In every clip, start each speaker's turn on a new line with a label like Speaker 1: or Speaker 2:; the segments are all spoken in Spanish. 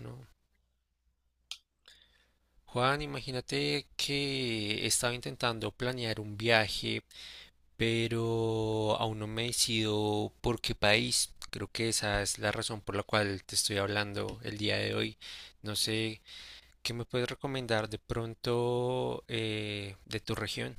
Speaker 1: ¿No? Juan, imagínate que estaba intentando planear un viaje, pero aún no me decido por qué país. Creo que esa es la razón por la cual te estoy hablando el día de hoy. No sé, ¿qué me puedes recomendar de pronto de tu región?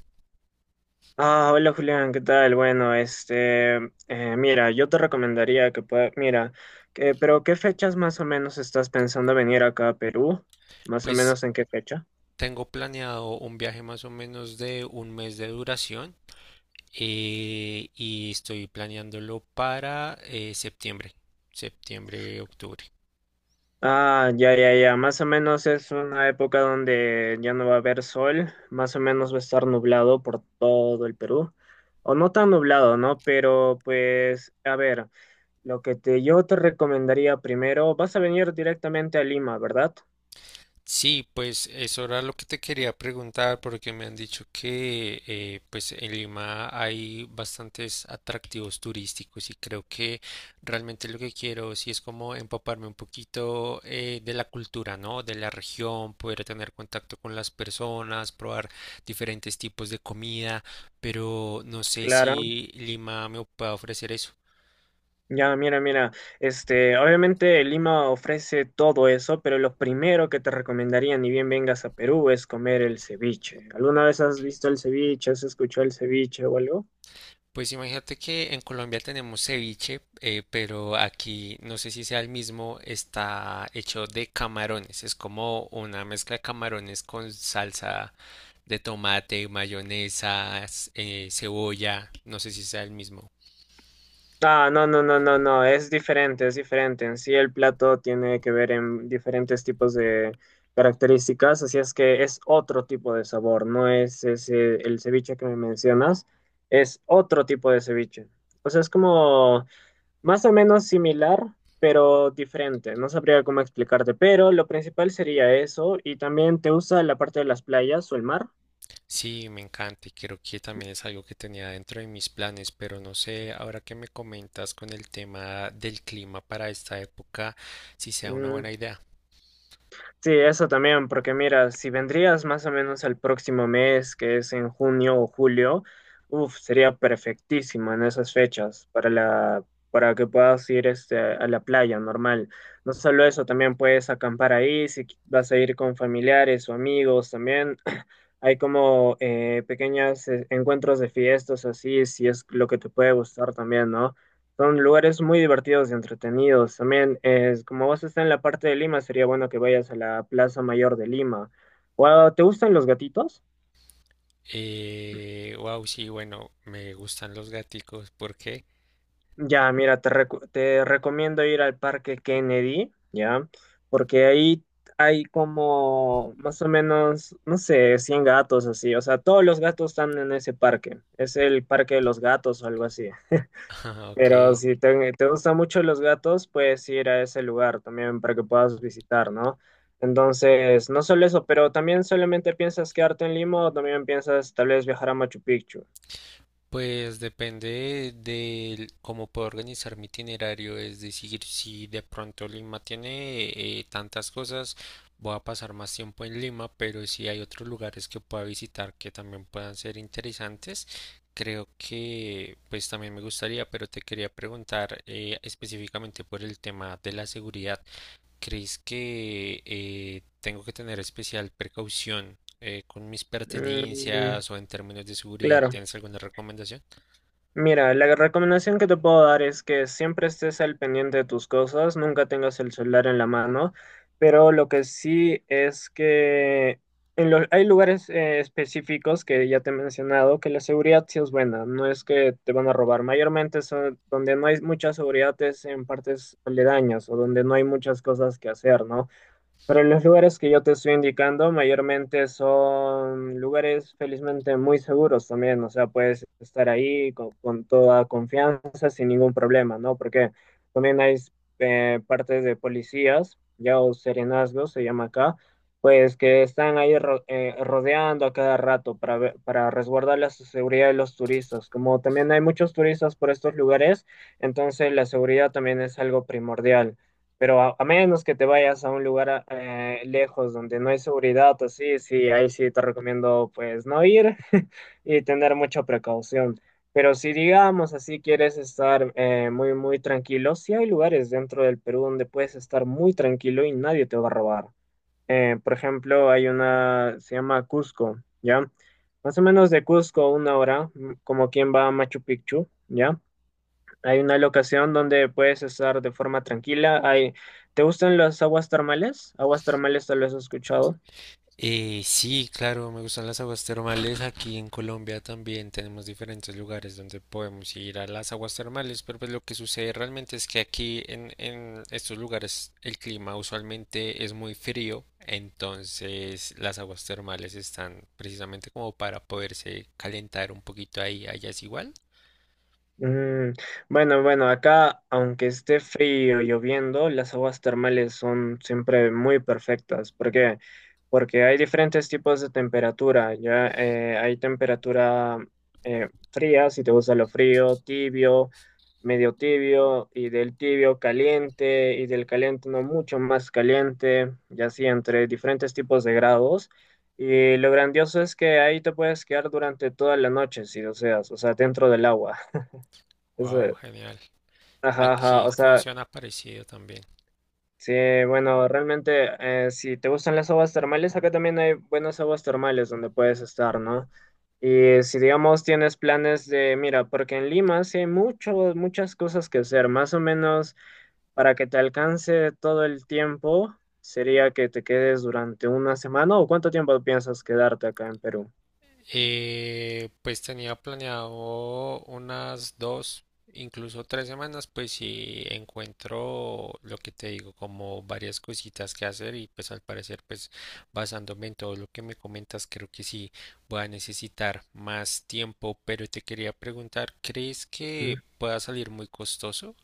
Speaker 2: Ah, hola Julián, ¿qué tal? Bueno, mira, yo te recomendaría que pueda, mira, que, pero ¿qué fechas más o menos estás pensando venir acá a Perú? ¿Más o
Speaker 1: Pues
Speaker 2: menos en qué fecha?
Speaker 1: tengo planeado un viaje más o menos de un mes de duración y estoy planeándolo para septiembre, septiembre, octubre.
Speaker 2: Ah, ya, ya, ya, más o menos es una época donde ya no va a haber sol, más o menos va a estar nublado por todo el Perú, o no tan nublado, ¿no? Pero pues, a ver. Lo que te, yo te recomendaría primero, vas a venir directamente a Lima, ¿verdad?
Speaker 1: Sí, pues eso era lo que te quería preguntar porque me han dicho que pues en Lima hay bastantes atractivos turísticos y creo que realmente lo que quiero sí es como empaparme un poquito de la cultura, ¿no? De la región, poder tener contacto con las personas, probar diferentes tipos de comida, pero no sé
Speaker 2: Claro.
Speaker 1: si Lima me puede ofrecer eso.
Speaker 2: Ya, mira, mira, obviamente Lima ofrece todo eso, pero lo primero que te recomendaría, ni bien vengas a Perú, es comer el ceviche. ¿Alguna vez has visto el ceviche? ¿Has escuchado el ceviche o algo?
Speaker 1: Pues imagínate que en Colombia tenemos ceviche, pero aquí no sé si sea el mismo, está hecho de camarones. Es como una mezcla de camarones con salsa de tomate, mayonesa, cebolla. No sé si sea el mismo.
Speaker 2: Ah, no, no, no, no, no, es diferente, es diferente. En sí el plato tiene que ver en diferentes tipos de características, así es que es otro tipo de sabor, no es ese, el ceviche que me mencionas, es otro tipo de ceviche. O sea, es como más o menos similar, pero diferente. No sabría cómo explicarte, pero lo principal sería eso. Y también te gusta la parte de las playas o el mar.
Speaker 1: Sí, me encanta y creo que también es algo que tenía dentro de mis planes, pero no sé, ahora que me comentas con el tema del clima para esta época, si sea una buena
Speaker 2: Mm,
Speaker 1: idea.
Speaker 2: sí, eso también, porque mira, si vendrías más o menos el próximo mes, que es en junio o julio, uf, sería perfectísimo en esas fechas para para que puedas ir a la playa normal. No solo eso, también puedes acampar ahí, si vas a ir con familiares o amigos también. Hay como pequeños encuentros de fiestas así, si es lo que te puede gustar también, ¿no? Son lugares muy divertidos y entretenidos. También, es, como vos estás en la parte de Lima, sería bueno que vayas a la Plaza Mayor de Lima. ¿Te gustan los gatitos?
Speaker 1: Wow, sí, bueno, me gustan los gaticos. ¿Por qué?
Speaker 2: Ya, mira, te recomiendo ir al Parque Kennedy, ¿ya? Porque ahí hay como más o menos, no sé, 100 gatos así. O sea, todos los gatos están en ese parque. Es el Parque de los Gatos o algo así.
Speaker 1: Ah,
Speaker 2: Pero
Speaker 1: ok.
Speaker 2: si te gustan mucho los gatos, puedes ir a ese lugar también para que puedas visitar, ¿no? Entonces, no solo eso, pero también solamente piensas quedarte en Lima o también piensas tal vez viajar a Machu Picchu.
Speaker 1: Pues depende de cómo puedo organizar mi itinerario. Es decir, si de pronto Lima tiene tantas cosas, voy a pasar más tiempo en Lima, pero si hay otros lugares que pueda visitar que también puedan ser interesantes, creo que pues también me gustaría, pero te quería preguntar específicamente por el tema de la seguridad. ¿Crees que tengo que tener especial precaución con mis
Speaker 2: Mm,
Speaker 1: pertenencias o en términos de seguridad?
Speaker 2: claro.
Speaker 1: ¿Tienes alguna recomendación?
Speaker 2: Mira, la recomendación que te puedo dar es que siempre estés al pendiente de tus cosas, nunca tengas el celular en la mano, pero lo que sí es que hay lugares específicos que ya te he mencionado que la seguridad sí es buena, no es que te van a robar. Mayormente son, donde no hay mucha seguridad es en partes aledañas o donde no hay muchas cosas que hacer, ¿no? Pero los lugares que yo te estoy indicando mayormente son lugares felizmente muy seguros también, o sea, puedes estar ahí con toda confianza, sin ningún problema, ¿no? Porque también hay partes de policías, ya o serenazgos se llama acá, pues que están ahí rodeando a cada rato para resguardar la seguridad de los turistas. Como también hay muchos turistas por estos lugares, entonces la seguridad también es algo primordial. Pero a menos que te vayas a un lugar lejos donde no hay seguridad, así, sí, sí, ahí sí te recomiendo pues no ir y tener mucha precaución. Pero si digamos así quieres estar muy, muy tranquilo, sí hay lugares dentro del Perú donde puedes estar muy tranquilo y nadie te va a robar. Por ejemplo, hay una, se llama Cusco, ¿ya? Más o menos de Cusco una hora, como quien va a Machu Picchu, ¿ya? Hay una locación donde puedes estar de forma tranquila. Hay. ¿Te gustan las aguas termales? Aguas termales tal vez has escuchado.
Speaker 1: Sí, claro, me gustan las aguas termales. Aquí en Colombia también tenemos diferentes lugares donde podemos ir a las aguas termales, pero pues lo que sucede realmente es que aquí en estos lugares el clima usualmente es muy frío. Entonces las aguas termales están precisamente como para poderse calentar un poquito ahí. ¿Allá es igual?
Speaker 2: Mm, bueno, bueno, acá, aunque esté frío, lloviendo, las aguas termales son siempre muy perfectas. ¿Por qué? Porque hay diferentes tipos de temperatura, ¿ya? Hay temperatura fría, si te gusta lo frío, tibio, medio tibio, y del tibio caliente, y del caliente no mucho más caliente, y así entre diferentes tipos de grados. Y lo grandioso es que ahí te puedes quedar durante toda la noche, si deseas, o sea, dentro del agua.
Speaker 1: Wow,
Speaker 2: Eso,
Speaker 1: genial.
Speaker 2: ajá, ajá,
Speaker 1: Aquí
Speaker 2: o sea,
Speaker 1: funciona parecido también.
Speaker 2: sí, bueno, realmente, si te gustan las aguas termales, acá también hay buenas aguas termales donde puedes estar, ¿no? Y si, digamos, tienes planes de, mira, porque en Lima sí hay mucho, muchas cosas que hacer, más o menos para que te alcance todo el tiempo, sería que te quedes durante una semana, ¿o cuánto tiempo piensas quedarte acá en Perú?
Speaker 1: Pues tenía planeado unas dos, incluso tres semanas, pues si encuentro lo que te digo, como varias cositas que hacer y pues al parecer, pues basándome en todo lo que me comentas, creo que sí voy a necesitar más tiempo, pero te quería preguntar, ¿crees que pueda salir muy costoso?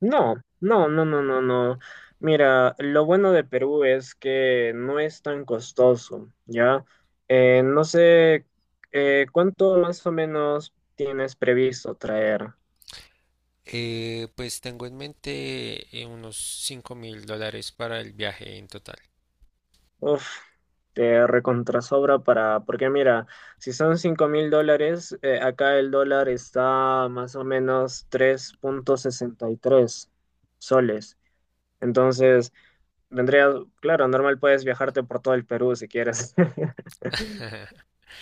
Speaker 2: No, no, no, no, no, no. Mira, lo bueno de Perú es que no es tan costoso, ¿ya? No sé cuánto más o menos tienes previsto traer.
Speaker 1: Pues tengo en mente unos $5000 para el viaje en total.
Speaker 2: Uf, te recontrasobra para, porque mira, si son 5000 dólares, acá el dólar está más o menos 3,63 soles. Entonces, vendría, claro, normal puedes viajarte por todo el Perú si quieres.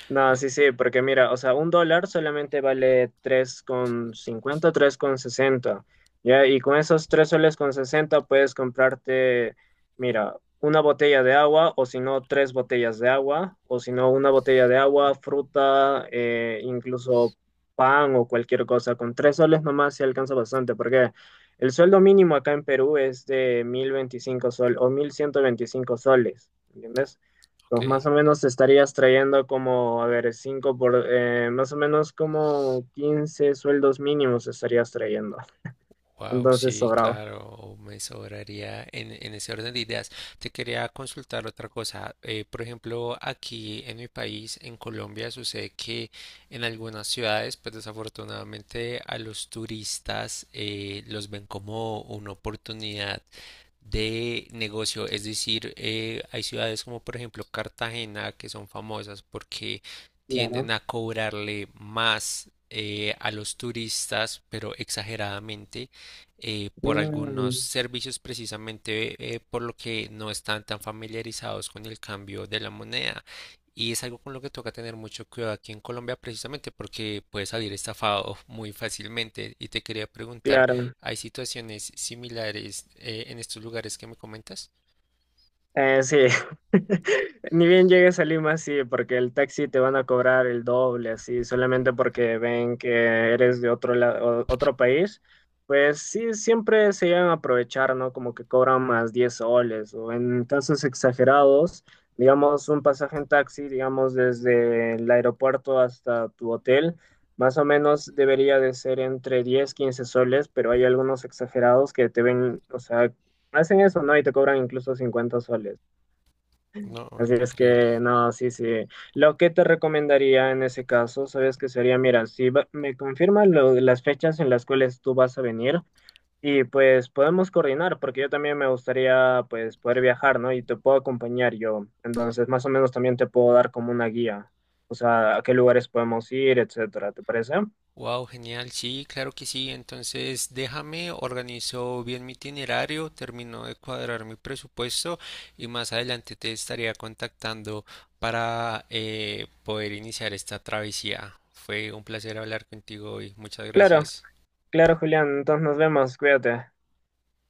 Speaker 2: No,
Speaker 1: Oh,
Speaker 2: sí, sí, porque mira, o sea, un dólar solamente vale tres tres con cincuenta, tres con sesenta, ¿ya? Y con esos 3,60 soles puedes comprarte, mira, una botella de agua, o si no, tres botellas de agua, o si no, una botella de agua, fruta, incluso pan o cualquier cosa. Con 3 soles nomás se alcanza bastante, porque el sueldo mínimo acá en Perú es de 1025 soles o 1125 soles, ¿entiendes? Pues más
Speaker 1: ok.
Speaker 2: o menos te estarías trayendo como, a ver, 5 por, más o menos como 15 sueldos mínimos estarías trayendo.
Speaker 1: Wow,
Speaker 2: Entonces,
Speaker 1: sí,
Speaker 2: sobrado.
Speaker 1: claro, me sobraría en ese orden de ideas. Te quería consultar otra cosa. Por ejemplo, aquí en mi país, en Colombia, sucede que en algunas ciudades, pues desafortunadamente a los turistas los ven como una oportunidad de negocio. Es decir, hay ciudades como por ejemplo Cartagena que son famosas porque
Speaker 2: Claro.
Speaker 1: tienden a cobrarle más a los turistas, pero exageradamente por algunos
Speaker 2: Mm,
Speaker 1: servicios precisamente por lo que no están tan familiarizados con el cambio de la moneda. Y es algo con lo que toca tener mucho cuidado aquí en Colombia precisamente porque puedes salir estafado muy fácilmente. Y te quería preguntar,
Speaker 2: claro.
Speaker 1: ¿hay situaciones similares en estos lugares que me comentas?
Speaker 2: Sí, ni bien llegues a Lima, sí, porque el taxi te van a cobrar el doble, así, solamente porque ven que eres de otro país, pues sí, siempre se llegan a aprovechar, ¿no? Como que cobran más 10 soles, o en casos exagerados, digamos, un pasaje en taxi, digamos, desde el aeropuerto hasta tu hotel, más o menos debería de ser entre 10 a 15 soles, pero hay algunos exagerados que te ven, o sea, hacen eso, ¿no? Y te cobran incluso 50 soles.
Speaker 1: No,
Speaker 2: Así es
Speaker 1: increíble.
Speaker 2: que no, sí, sí. Lo que te recomendaría en ese caso, sabes que sería, mira, si me confirman las fechas en las cuales tú vas a venir y pues podemos coordinar, porque yo también me gustaría pues poder viajar, ¿no? Y te puedo acompañar yo. Entonces, más o menos también te puedo dar como una guía, o sea, a qué lugares podemos ir, etcétera, ¿te parece?
Speaker 1: Wow, genial. Sí, claro que sí. Entonces, déjame, organizo bien mi itinerario, termino de cuadrar mi presupuesto y más adelante te estaría contactando para poder iniciar esta travesía. Fue un placer hablar contigo hoy. Muchas
Speaker 2: Claro,
Speaker 1: gracias.
Speaker 2: claro, Julián. Entonces nos vemos, cuídate.